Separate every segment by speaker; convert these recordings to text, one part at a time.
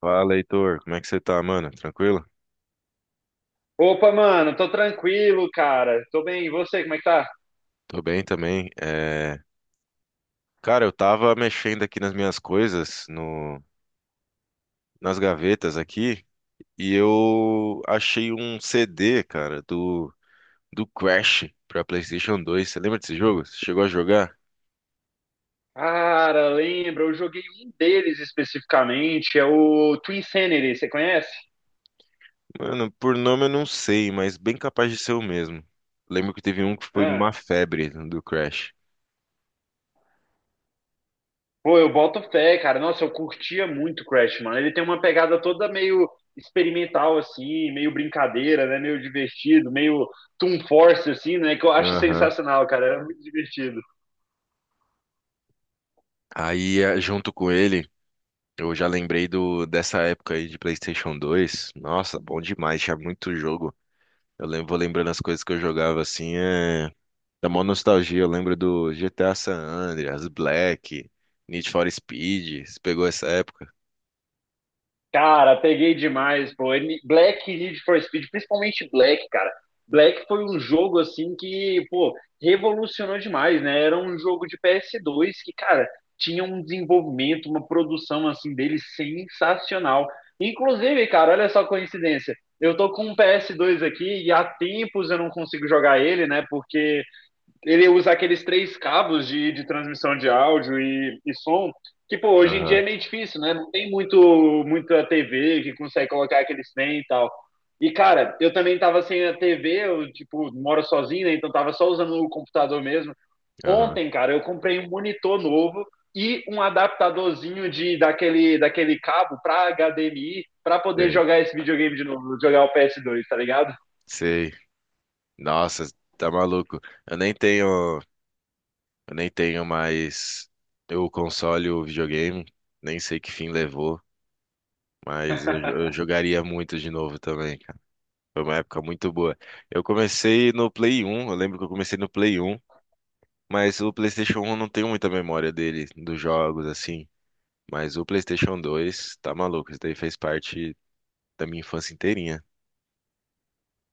Speaker 1: Fala, Heitor. Como é que você tá, mano? Tranquilo?
Speaker 2: Opa, mano, tô tranquilo, cara. Tô bem. E você, como é que tá?
Speaker 1: Tô bem também. Cara, eu tava mexendo aqui nas minhas coisas, no... nas gavetas aqui, e eu achei um CD, cara, do Crash pra PlayStation 2. Você lembra desse jogo? Você chegou a jogar?
Speaker 2: Cara, lembra, eu joguei um deles especificamente, é o Twin Sanity, você conhece?
Speaker 1: Mano, por nome eu não sei, mas bem capaz de ser o mesmo. Lembro que teve um que foi uma
Speaker 2: Ah,
Speaker 1: febre do Crash.
Speaker 2: pô, eu boto fé, cara. Nossa, eu curtia muito Crash, mano. Ele tem uma pegada toda meio experimental, assim, meio brincadeira, né? Meio divertido, meio Toon Force, assim, né? Que eu acho
Speaker 1: Aham.
Speaker 2: sensacional, cara. Era muito divertido.
Speaker 1: Aí, junto com ele, eu já lembrei dessa época aí de PlayStation 2. Nossa, bom demais, tinha muito jogo. Eu lembro, vou lembrando as coisas que eu jogava assim, dá mó nostalgia. Eu lembro do GTA San Andreas, Black, Need for Speed. Você pegou essa época?
Speaker 2: Cara, peguei demais, pô. Black e Need for Speed, principalmente Black, cara. Black foi um jogo assim que, pô, revolucionou demais, né? Era um jogo de PS2 que, cara, tinha um desenvolvimento, uma produção assim dele sensacional. Inclusive, cara, olha só a coincidência. Eu tô com um PS2 aqui e há tempos eu não consigo jogar ele, né? Porque ele usa aqueles três cabos de transmissão de áudio e som, que pô, hoje em dia
Speaker 1: Aham,
Speaker 2: é meio difícil, né? Não tem muito muita TV que consegue colocar aqueles trem e tal. E cara, eu também tava sem a TV, eu tipo, moro sozinho, né? Então tava só usando o computador mesmo.
Speaker 1: aham,
Speaker 2: Ontem, cara, eu comprei um monitor novo e um adaptadorzinho de daquele cabo para HDMI para poder
Speaker 1: sei.
Speaker 2: jogar esse videogame de novo, jogar o PS2, tá ligado?
Speaker 1: Sei. Nossa, tá maluco. Eu nem tenho, eu nem tenho mais o console, o videogame. Nem sei que fim levou, mas eu, eu jogaria muito de novo também. Foi uma época muito boa. Eu comecei no Play 1, eu lembro que eu comecei no Play 1, mas o PlayStation 1 não tenho muita memória dele, dos jogos assim. Mas o PlayStation 2 tá maluco, isso daí fez parte da minha infância inteirinha.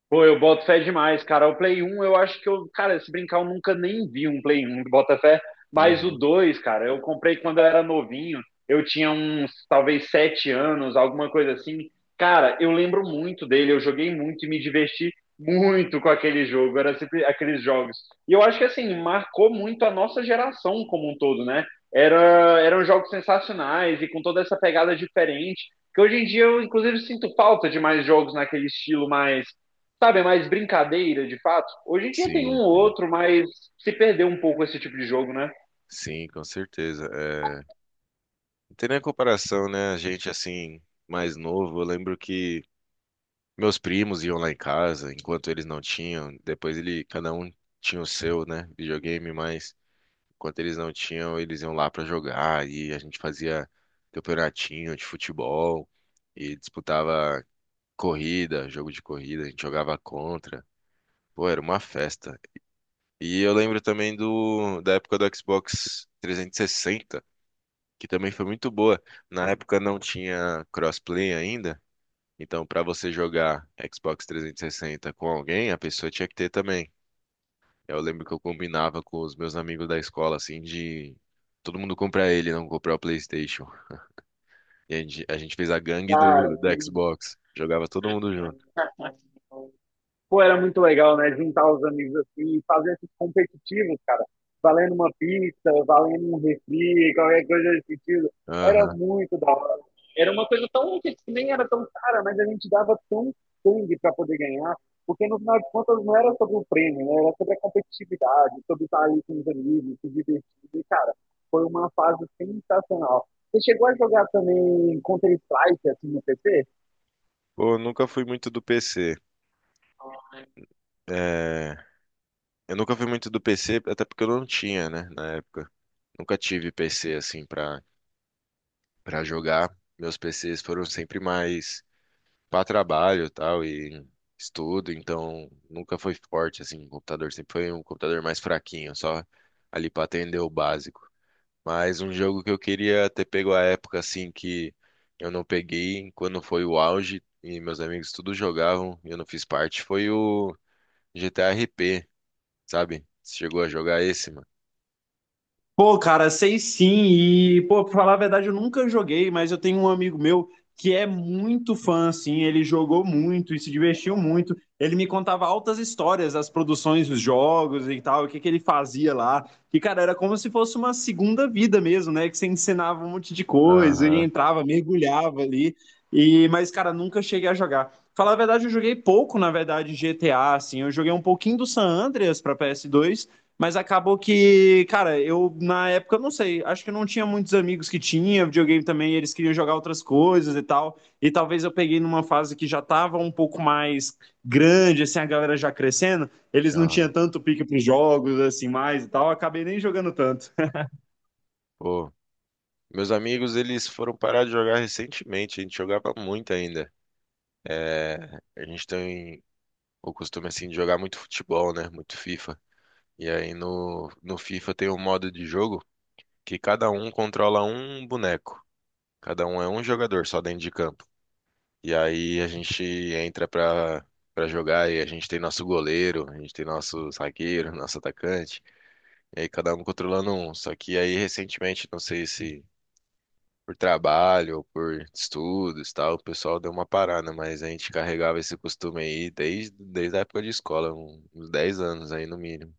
Speaker 2: Pô, eu boto fé demais, cara. O Play 1, eu acho que eu, cara, se brincar, eu nunca nem vi um Play 1 do Botafé, mas o
Speaker 1: Uhum.
Speaker 2: 2, cara, eu comprei quando eu era novinho, eu tinha uns, talvez, 7 anos, alguma coisa assim. Cara, eu lembro muito dele, eu joguei muito e me diverti muito com aquele jogo, era sempre aqueles jogos. E eu acho que, assim, marcou muito a nossa geração como um todo, né? Era, eram jogos sensacionais e com toda essa pegada diferente, que hoje em dia eu, inclusive, sinto falta de mais jogos naquele estilo mais, sabe, é mais brincadeira de fato. Hoje em dia tem um
Speaker 1: Sim,
Speaker 2: ou
Speaker 1: sim.
Speaker 2: outro, mas se perdeu um pouco esse tipo de jogo, né?
Speaker 1: Sim, com certeza. Não tem nem comparação, né? A gente, assim, mais novo, eu lembro que meus primos iam lá em casa, enquanto eles não tinham. Depois ele, cada um tinha o seu, né? Videogame, mas. Enquanto eles não tinham, eles iam lá pra jogar e a gente fazia campeonatinho de futebol e disputava corrida, jogo de corrida, a gente jogava contra. Pô, era uma festa. E eu lembro também do da época do Xbox 360, que também foi muito boa. Na época não tinha crossplay ainda, então pra você jogar Xbox 360 com alguém, a pessoa tinha que ter também. Eu lembro que eu combinava com os meus amigos da escola, assim, de todo mundo comprar ele, não comprar o PlayStation. E a gente fez a gangue
Speaker 2: Cara,
Speaker 1: do, da
Speaker 2: tem.
Speaker 1: Xbox. Jogava todo mundo junto.
Speaker 2: Pô, era muito legal, né? Juntar os amigos assim e fazer esses competitivos, cara. Valendo uma pizza, valendo um refri, qualquer coisa desse sentido. Era
Speaker 1: Aham.
Speaker 2: muito da hora. Era uma coisa tão que nem era tão cara, mas a gente dava tão sangue para poder ganhar, porque no final de contas não era sobre o prêmio, né? Era sobre a competitividade, sobre estar ali com os amigos, se divertir. E, cara, foi uma fase sensacional. Você chegou a jogar também Counter-Strike assim no PC?
Speaker 1: Pô, eu nunca fui muito do PC. É, Eu nunca fui muito do PC, até porque eu não tinha, né, na época. Nunca tive PC, assim, pra jogar. Meus PCs foram sempre mais para trabalho, tal e estudo, então nunca foi forte assim, o computador sempre foi um computador mais fraquinho, só ali para atender o básico. Mas um jogo que eu queria ter pego a época assim que eu não peguei, quando foi o auge e meus amigos tudo jogavam e eu não fiz parte, foi o GTA RP, sabe? Você chegou a jogar esse, mano?
Speaker 2: Pô, cara, sei sim. E, pô, pra falar a verdade, eu nunca joguei, mas eu tenho um amigo meu que é muito fã, assim. Ele jogou muito e se divertiu muito. Ele me contava altas histórias das produções dos jogos e tal, o que que ele fazia lá. E, cara, era como se fosse uma segunda vida mesmo, né? Que você ensinava um monte de coisa, ele
Speaker 1: Aham,
Speaker 2: entrava, mergulhava ali. E, mas, cara, nunca cheguei a jogar. Falar a verdade, eu joguei pouco, na verdade, GTA, assim. Eu joguei um pouquinho do San Andreas pra PS2. Mas acabou que, cara, eu na época, eu não sei, acho que eu não tinha muitos amigos que tinha videogame também, eles queriam jogar outras coisas e tal. E talvez eu peguei numa fase que já tava um pouco mais grande, assim, a galera já crescendo, eles não
Speaker 1: aham.
Speaker 2: tinham tanto pique pros jogos, assim, mais e tal, acabei nem jogando tanto.
Speaker 1: Pô, meus amigos, eles foram parar de jogar recentemente. A gente jogava muito ainda. É, a gente tem o costume assim de jogar muito futebol, né? Muito FIFA. E aí no FIFA tem um modo de jogo que cada um controla um boneco. Cada um é um jogador só dentro de campo. E aí a gente entra pra jogar e a gente tem nosso goleiro, a gente tem nosso zagueiro, nosso atacante. E aí cada um controlando um. Só que aí recentemente, não sei se por trabalho ou por estudos e tal, o pessoal deu uma parada, mas a gente carregava esse costume aí desde a época de escola, uns 10 anos aí no mínimo.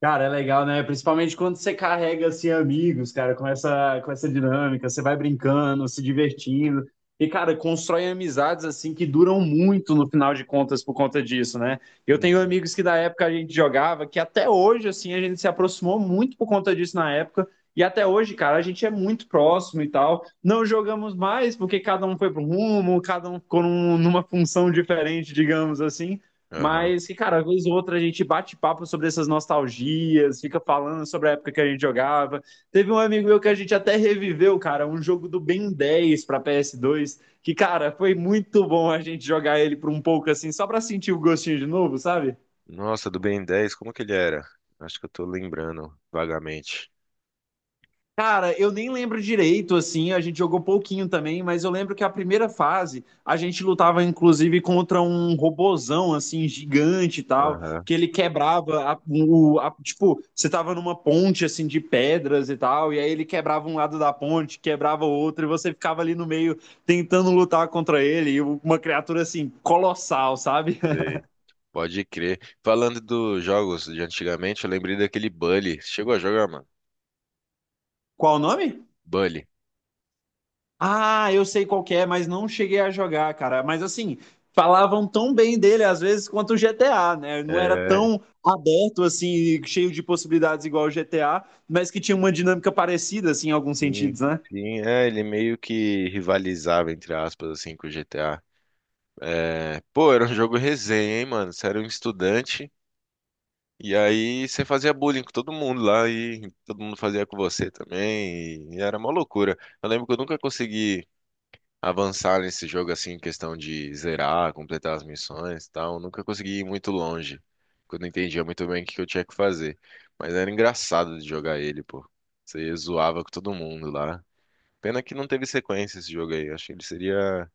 Speaker 2: Cara, é legal, né? Principalmente quando você carrega assim amigos, cara, com essa dinâmica, você vai brincando, se divertindo. E cara, constrói amizades assim que duram muito no final de contas por conta disso, né? Eu tenho
Speaker 1: Uhum.
Speaker 2: amigos que da época a gente jogava, que até hoje assim a gente se aproximou muito por conta disso na época, e até hoje, cara, a gente é muito próximo e tal. Não jogamos mais porque cada um foi pro rumo, cada um ficou numa função diferente, digamos assim.
Speaker 1: Aham.
Speaker 2: Mas que, cara, vez ou outra a gente bate papo sobre essas nostalgias, fica falando sobre a época que a gente jogava. Teve um amigo meu que a gente até reviveu, cara, um jogo do Ben 10 para PS2, que, cara, foi muito bom a gente jogar ele por um pouco assim, só pra sentir o gostinho de novo, sabe?
Speaker 1: Nossa, do Ben 10, como que ele era? Acho que eu tô lembrando vagamente.
Speaker 2: Cara, eu nem lembro direito, assim, a gente jogou pouquinho também, mas eu lembro que a primeira fase a gente lutava inclusive contra um robozão, assim, gigante e tal,
Speaker 1: Aham,
Speaker 2: que ele quebrava, tipo, você tava numa ponte, assim, de pedras e tal, e aí ele quebrava um lado da ponte, quebrava o outro, e você ficava ali no meio tentando lutar contra ele, e uma criatura, assim, colossal, sabe?
Speaker 1: sei. Pode crer. Falando dos jogos de antigamente, eu lembrei daquele Bully. Chegou a jogar, mano?
Speaker 2: Qual o nome?
Speaker 1: Bully.
Speaker 2: Ah, eu sei qual que é, mas não cheguei a jogar, cara. Mas assim, falavam tão bem dele às vezes quanto o GTA, né? Não era
Speaker 1: É,
Speaker 2: tão aberto assim, cheio de possibilidades igual o GTA, mas que tinha uma dinâmica parecida assim em alguns
Speaker 1: sim,
Speaker 2: sentidos, né?
Speaker 1: sim, ele meio que rivalizava, entre aspas, assim, com o GTA. É, pô, era um jogo resenha, hein, mano? Você era um estudante e aí você fazia bullying com todo mundo lá e todo mundo fazia com você também e, era uma loucura. Eu lembro que eu nunca consegui avançar nesse jogo assim, em questão de zerar, completar as missões e tal. Nunca consegui ir muito longe. Quando eu não entendia muito bem o que que eu tinha que fazer. Mas era engraçado de jogar ele, pô. Você zoava com todo mundo lá. Pena que não teve sequência esse jogo aí. Eu acho que ele seria,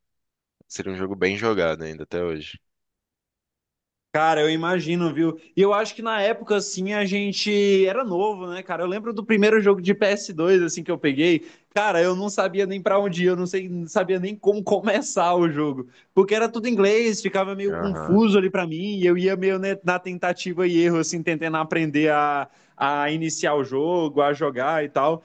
Speaker 1: seria um jogo bem jogado ainda até hoje.
Speaker 2: Cara, eu imagino, viu? E eu acho que na época, assim, a gente era novo, né, cara? Eu lembro do primeiro jogo de PS2, assim, que eu peguei. Cara, eu não sabia nem pra onde ir, eu não sei, não sabia nem como começar o jogo. Porque era tudo em inglês, ficava meio
Speaker 1: Aham,
Speaker 2: confuso ali pra mim, e eu ia meio, né, na tentativa e erro, assim, tentando aprender a iniciar o jogo, a jogar e tal.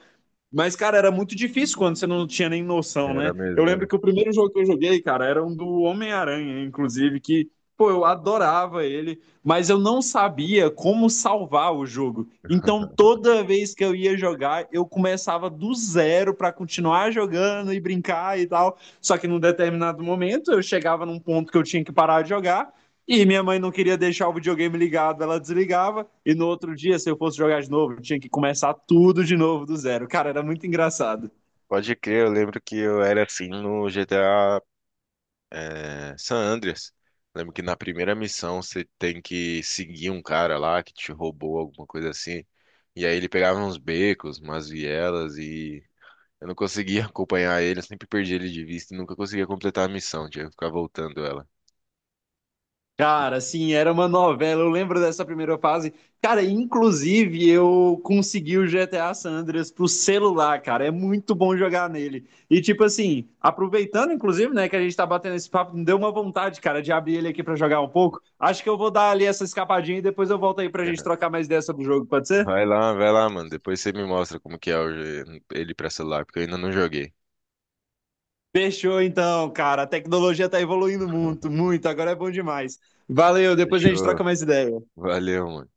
Speaker 2: Mas, cara, era muito difícil quando você não tinha nem noção,
Speaker 1: era
Speaker 2: né? Eu
Speaker 1: mesmo, era.
Speaker 2: lembro que o primeiro jogo que eu joguei, cara, era um do Homem-Aranha, inclusive, que, pô, eu adorava ele, mas eu não sabia como salvar o jogo. Então, toda vez que eu ia jogar, eu começava do zero pra continuar jogando e brincar e tal. Só que num determinado momento, eu chegava num ponto que eu tinha que parar de jogar. E minha mãe não queria deixar o videogame ligado, ela desligava. E no outro dia, se eu fosse jogar de novo, eu tinha que começar tudo de novo do zero. Cara, era muito engraçado.
Speaker 1: Pode crer, eu lembro que eu era assim no GTA San Andreas. Lembro que na primeira missão você tem que seguir um cara lá que te roubou alguma coisa assim. E aí ele pegava uns becos, umas vielas e eu não conseguia acompanhar ele, eu sempre perdi ele de vista e nunca conseguia completar a missão, tinha que ficar voltando ela.
Speaker 2: Cara, assim, era uma novela. Eu lembro dessa primeira fase. Cara, inclusive eu consegui o GTA San Andreas pro celular, cara. É muito bom jogar nele. E tipo assim, aproveitando inclusive, né, que a gente tá batendo esse papo, me deu uma vontade, cara, de abrir ele aqui para jogar um pouco. Acho que eu vou dar ali essa escapadinha e depois eu volto aí pra gente trocar mais ideia sobre o jogo, pode ser?
Speaker 1: Vai lá, mano. Depois você me mostra como que é ele pra celular, porque eu ainda não joguei.
Speaker 2: Fechou então, cara. A tecnologia tá evoluindo muito, muito. Agora é bom demais. Valeu, depois a gente
Speaker 1: Fechou.
Speaker 2: troca mais ideia.
Speaker 1: Valeu, mano.